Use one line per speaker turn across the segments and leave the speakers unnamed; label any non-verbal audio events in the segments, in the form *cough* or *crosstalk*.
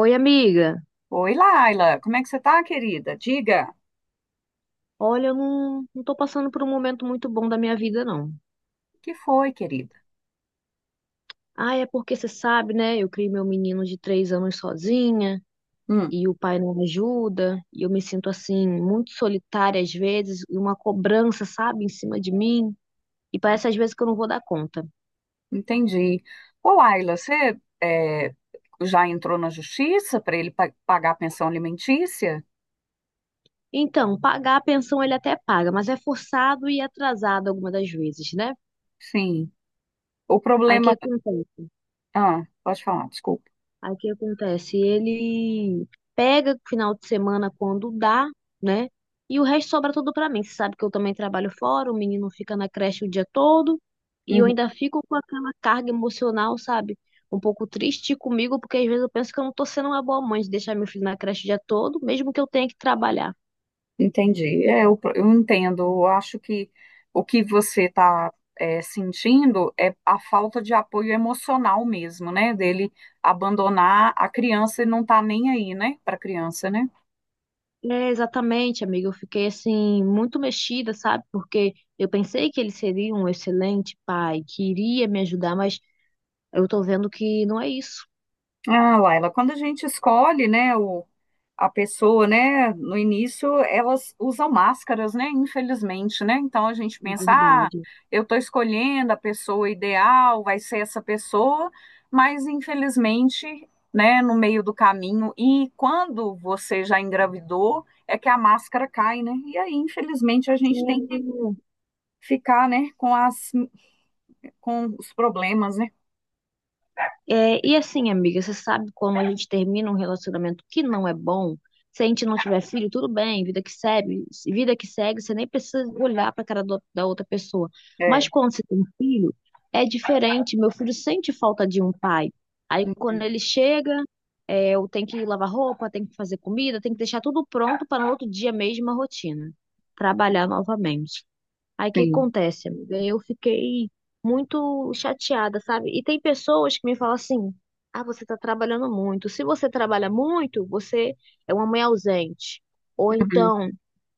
Oi, amiga.
Oi, Laila, como é que você tá, querida? Diga,
Olha, eu não tô passando por um momento muito bom da minha vida, não.
que foi, querida?
Ah, é porque você sabe, né? Eu criei meu menino de 3 anos sozinha
Hum,
e o pai não ajuda. E eu me sinto, assim, muito solitária às vezes e uma cobrança, sabe, em cima de mim. E parece às vezes que eu não vou dar conta.
entendi. Ô, Laila, já entrou na justiça para ele pagar a pensão alimentícia?
Então, pagar a pensão ele até paga, mas é forçado e atrasado algumas das vezes, né?
Sim. O
Aí o que
problema.
acontece?
Ah, pode falar, desculpa.
Aí o que acontece? Ele pega o final de semana quando dá, né? E o resto sobra tudo pra mim. Você sabe que eu também trabalho fora, o menino fica na creche o dia todo e eu
Uhum,
ainda fico com aquela carga emocional, sabe? Um pouco triste comigo, porque às vezes eu penso que eu não tô sendo uma boa mãe de deixar meu filho na creche o dia todo, mesmo que eu tenha que trabalhar.
entendi. Eu entendo. Eu acho que o que você está sentindo é a falta de apoio emocional mesmo, né? Dele abandonar a criança e não tá nem aí, né? Para a criança, né?
É, exatamente, amiga. Eu fiquei assim muito mexida, sabe? Porque eu pensei que ele seria um excelente pai, que iria me ajudar, mas eu tô vendo que não é isso.
Ah, Laila, quando a gente escolhe, né, a pessoa, né, no início elas usam máscaras, né, infelizmente, né, então a gente
É
pensa, ah,
verdade.
eu estou escolhendo a pessoa ideal, vai ser essa pessoa, mas infelizmente, né, no meio do caminho e quando você já engravidou, é que a máscara cai, né, e aí infelizmente a gente tem que ficar, né, com as, com os problemas, né,
E assim, amiga, você sabe, quando a gente termina um relacionamento que não é bom, se a gente não tiver filho, tudo bem, vida que segue, você nem precisa olhar para a cara da outra pessoa. Mas
é,
quando você tem filho, é diferente. Meu filho sente falta de um pai. Aí quando ele chega, eu tenho que lavar roupa, tenho que fazer comida, tenho que deixar tudo pronto para no outro dia mesmo a rotina. Trabalhar novamente. Aí o que
sim,
acontece, amiga? Eu fiquei muito chateada, sabe? E tem pessoas que me falam assim: ah, você tá trabalhando muito. Se você trabalha muito, você é uma mãe ausente. Ou
uhum,
então,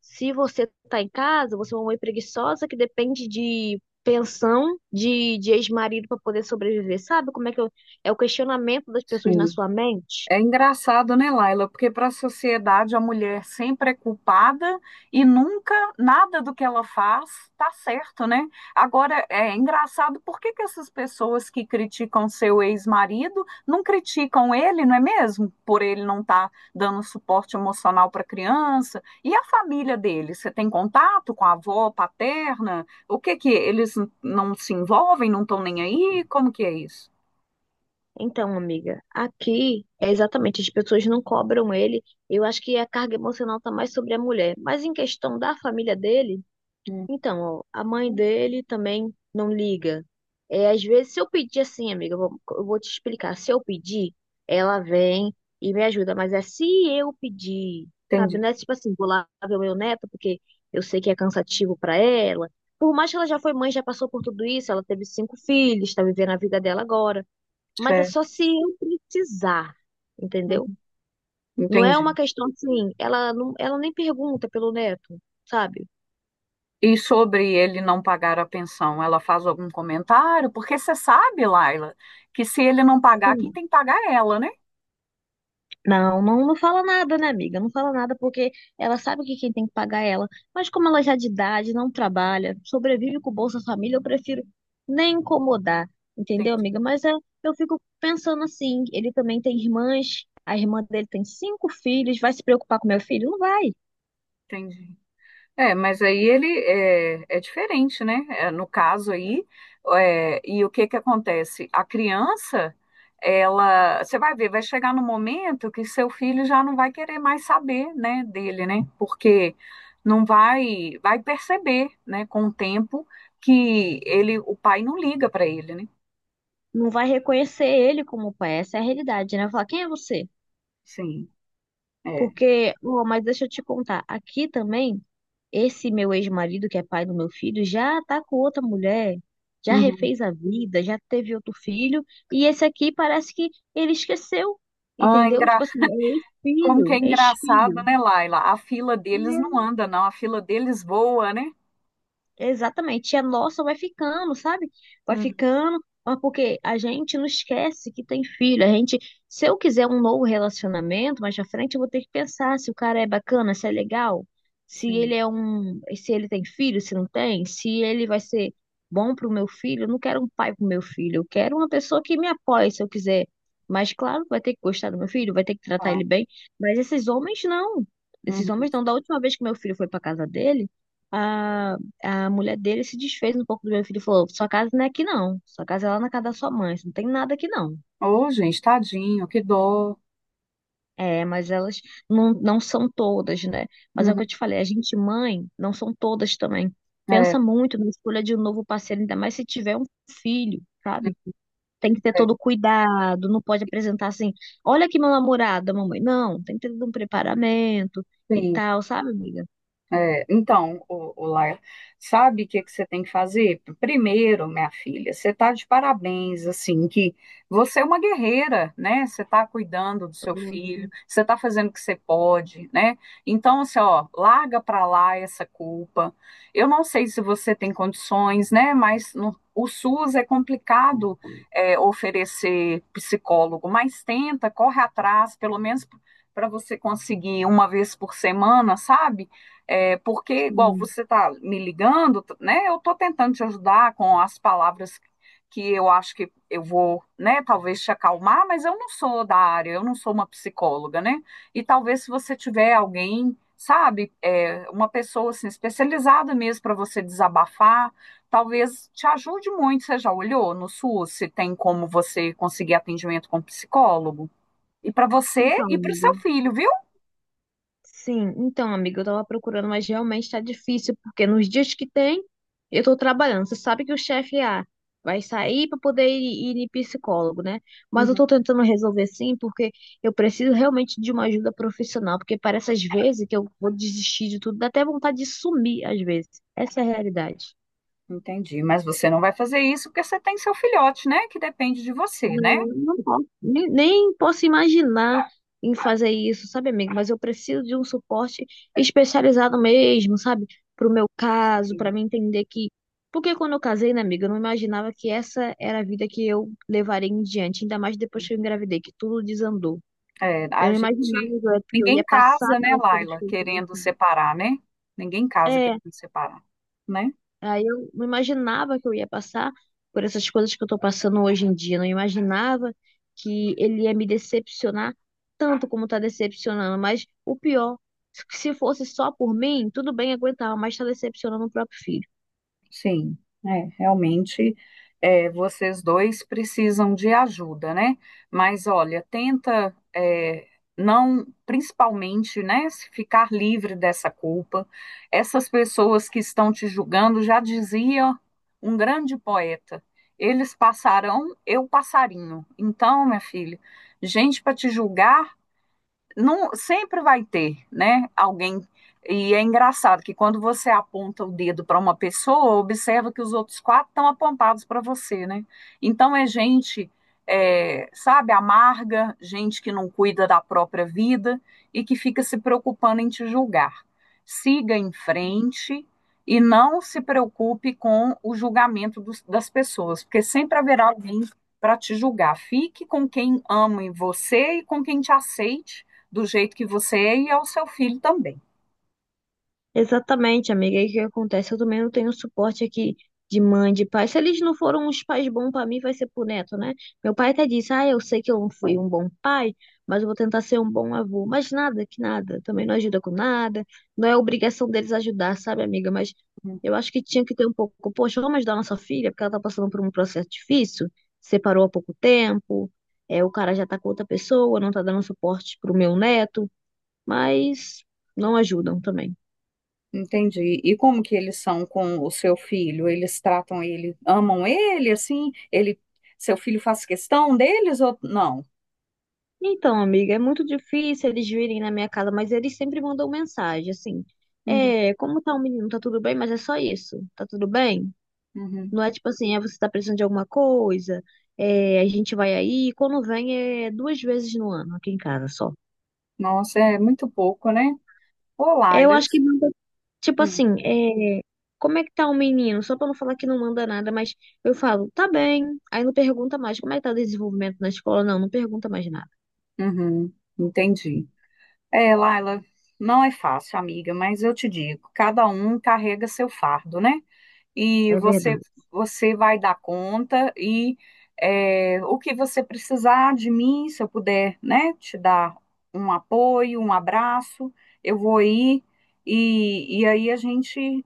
se você tá em casa, você é uma mãe preguiçosa que depende de pensão de ex-marido para poder sobreviver. Sabe como é que eu- É o questionamento das pessoas na
sim.
sua mente?
É engraçado, né, Laila? Porque para a sociedade a mulher sempre é culpada e nunca nada do que ela faz tá certo, né? Agora é engraçado por que que essas pessoas que criticam seu ex-marido não criticam ele, não é mesmo? Por ele não estar dando suporte emocional para a criança. E a família dele? Você tem contato com a avó paterna? O que que eles não se envolvem, não estão nem aí? Como que é isso?
Então, amiga, aqui é exatamente, as pessoas não cobram ele. Eu acho que a carga emocional tá mais sobre a mulher. Mas em questão da família dele,
Hum,
então, ó, a mãe dele também não liga. É, às vezes, se eu pedir assim, amiga, eu vou te explicar. Se eu pedir, ela vem e me ajuda. Mas é se eu pedir, sabe?
entendi.
Não é tipo assim, vou lá ver o meu neto, porque eu sei que é cansativo para ela. Por mais que ela já foi mãe, já passou por tudo isso, ela teve 5 filhos, tá vivendo a vida dela agora. Mas é
É,
só se eu precisar, entendeu?
uhum,
Não é
entendi.
uma questão assim, ela nem pergunta pelo neto, sabe?
E sobre ele não pagar a pensão, ela faz algum comentário? Porque você sabe, Laila, que se ele não pagar, quem
Sim.
tem que pagar é ela, né?
Não, não fala nada, né, amiga? Não fala nada porque ela sabe que quem tem que pagar é ela. Mas como ela já é de idade, não trabalha, sobrevive com o Bolsa Família, eu prefiro nem incomodar, entendeu,
Entendi.
amiga? Mas é, eu fico pensando assim, ele também tem irmãs, a irmã dele tem 5 filhos, vai se preocupar com meu filho? Não vai.
Entendi. É, mas aí é diferente, né? É, no caso aí, é, e o que que acontece? A criança, ela, você vai ver, vai chegar no momento que seu filho já não vai querer mais saber, né, dele, né? Porque não vai, vai perceber, né, com o tempo que ele, o pai não liga para ele, né?
Não vai reconhecer ele como pai. Essa é a realidade, né? Vai falar, quem é você?
Sim, é.
Porque, ó, mas deixa eu te contar, aqui também, esse meu ex-marido, que é pai do meu filho, já tá com outra mulher, já
Uhum.
refez a vida, já teve outro filho, e esse aqui parece que ele esqueceu,
Ah,
entendeu?
engra...
Tipo assim, é
Como que é
ex-filho,
engraçado,
ex-filho.
né, Laila? A fila deles não anda, não. A fila deles voa, né?
Exatamente. E a nossa vai ficando, sabe? Vai
Uhum.
ficando, mas porque a gente não esquece que tem filho. A gente, se eu quiser um novo relacionamento, mais pra frente eu vou ter que pensar se o cara é bacana, se é legal,
Sim.
se ele tem filho, se não tem, se ele vai ser bom pro meu filho. Eu não quero um pai pro meu filho, eu quero uma pessoa que me apoie se eu quiser. Mas claro, vai ter que gostar do meu filho, vai ter que tratar
Ah,
ele bem. Mas esses homens não. Esses
uhum.
homens não. Da última vez que meu filho foi pra casa dele, a a mulher dele se desfez um pouco do meu filho e falou: Sua casa não é aqui, não. Sua casa é lá na casa da sua mãe. Isso. Não tem nada aqui, não.
Ô, gente, tadinho, que dó.
É, mas elas não são todas, né? Mas é o que eu
Uhum.
te falei: a gente, mãe, não são todas também.
É,
Pensa muito na escolha de um novo parceiro, ainda mais se tiver um filho, sabe?
é,
Tem que ter
é.
todo o cuidado, não pode apresentar assim: Olha aqui meu namorado, mamãe. Não, tem que ter todo um preparamento e
Sim.
tal, sabe, amiga?
É, então, o Laia, sabe o que que você tem que fazer? Primeiro, minha filha, você está de parabéns, assim, que você é uma guerreira, né? Você está cuidando do seu
Então,
filho,
assim,
você está fazendo o que você pode, né? Então, assim, ó, larga para lá essa culpa. Eu não sei se você tem condições, né? Mas o SUS é complicado oferecer psicólogo, mas tenta, corre atrás, pelo menos para você conseguir uma vez por semana, sabe? É, porque, igual você está me ligando, né? Eu estou tentando te ajudar com as palavras que eu acho que eu vou, né? Talvez te acalmar, mas eu não sou da área, eu não sou uma psicóloga, né? E talvez se você tiver alguém, sabe, é, uma pessoa assim, especializada mesmo para você desabafar, talvez te ajude muito. Você já olhou no SUS se tem como você conseguir atendimento com psicólogo? E para você
então,
e para o
amiga.
seu filho, viu?
Sim, então, amiga, eu tava procurando, mas realmente tá difícil, porque nos dias que tem, eu tô trabalhando. Você sabe que o chefe a vai sair para poder ir em psicólogo, né? Mas eu
Uhum.
tô tentando resolver, sim, porque eu preciso realmente de uma ajuda profissional, porque parece às vezes que eu vou desistir de tudo, dá até vontade de sumir às vezes. Essa é a realidade.
Entendi, mas você não vai fazer isso porque você tem seu filhote, né? Que depende de você, né?
Não, não posso, nem posso imaginar em fazer isso, sabe, amigo? Mas eu preciso de um suporte especializado mesmo, sabe? Pro meu caso, para mim entender que. Porque quando eu casei, né, amiga, eu não imaginava que essa era a vida que eu levaria em diante, ainda mais depois que eu engravidei, que tudo desandou.
É,
Eu
a
não imaginava,
gente,
Zé, que eu
ninguém
ia passar
casa, né,
pelas coisas
Laila,
que eu tô
querendo
passando.
separar, né? Ninguém casa querendo separar, né?
Aí eu não imaginava que eu ia passar por essas coisas que eu tô passando hoje em dia. Não imaginava que ele ia me decepcionar tanto como tá decepcionando. Mas o pior, se fosse só por mim, tudo bem, aguentava, mas tá decepcionando o próprio filho.
Sim, é, realmente é, vocês dois precisam de ajuda, né? Mas olha, tenta é, não, principalmente, né, se ficar livre dessa culpa. Essas pessoas que estão te julgando já dizia um grande poeta: eles passarão, eu passarinho. Então, minha filha, gente para te julgar não, sempre vai ter, né? Alguém. E é engraçado que quando você aponta o dedo para uma pessoa, observa que os outros quatro estão apontados para você, né? Então é gente, é, sabe, amarga, gente que não cuida da própria vida e que fica se preocupando em te julgar. Siga em frente e não se preocupe com o julgamento das pessoas, porque sempre haverá alguém para te julgar. Fique com quem ama em você e com quem te aceite do jeito que você é e ao seu filho também.
Exatamente, amiga. E o que acontece? Eu também não tenho suporte aqui de mãe, de pai. Se eles não foram uns pais bons pra mim, vai ser pro neto, né? Meu pai até disse: Ah, eu sei que eu não fui um bom pai, mas eu vou tentar ser um bom avô. Mas nada, que nada. Também não ajuda com nada. Não é obrigação deles ajudar, sabe, amiga? Mas eu acho que tinha que ter um pouco. Poxa, vamos ajudar a nossa filha, porque ela tá passando por um processo difícil, separou há pouco tempo, é, o cara já tá com outra pessoa, não tá dando suporte pro meu neto, mas não ajudam também.
Entendi. E como que eles são com o seu filho? Eles tratam ele, amam ele, assim? Ele, seu filho faz questão deles ou não?
Então, amiga, é muito difícil eles virem na minha casa, mas eles sempre mandam mensagem, assim.
Uhum,
É, como tá o menino? Tá tudo bem? Mas é só isso. Tá tudo bem?
uhum.
Não é tipo assim, é, você tá precisando de alguma coisa, é, a gente vai aí. Quando vem é 2 vezes no ano aqui em casa só.
Nossa, é muito pouco, né? Ô,
Eu
Laila.
acho que manda, tipo
Uhum.
assim, é, como é que tá o menino? Só pra não falar que não manda nada, mas eu falo, tá bem. Aí não pergunta mais, como é que tá o desenvolvimento na escola? Não pergunta mais nada.
Uhum, entendi. É, Laila, não é fácil, amiga, mas eu te digo, cada um carrega seu fardo, né? e
É
você
verdade.
você vai dar conta e é, o que você precisar de mim, se eu puder, né, te dar um apoio, um abraço, eu vou ir e aí a gente,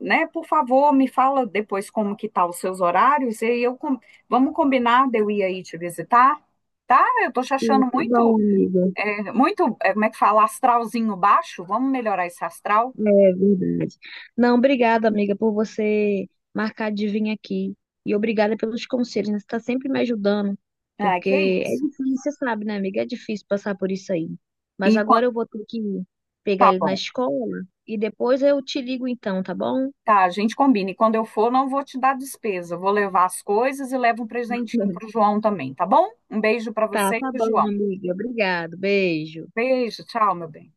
né, por favor, me fala depois como que tá os seus horários e eu vamos combinar de eu ir aí te visitar, tá? Eu tô te
Sim,
achando
tá bom, amiga.
muito, é, como é que fala, astralzinho baixo, vamos melhorar esse astral?
É verdade. Não, obrigada, amiga, por você marcar de vir aqui. E obrigada pelos conselhos, né? Você está sempre me ajudando,
Ah, que
porque é
isso.
difícil, você sabe, né, amiga? É difícil passar por isso aí.
E
Mas
quan-
agora eu vou ter que
tá
pegar ele na
bom.
escola e depois eu te ligo então, tá bom?
Tá, a gente combina. E quando eu for, não vou te dar despesa. Vou levar as coisas e levo um presentinho
*laughs*
pro João também, tá bom? Um beijo para
Tá,
você e
tá
pro
bom,
João.
amiga. Obrigado. Beijo.
Beijo, tchau, meu bem.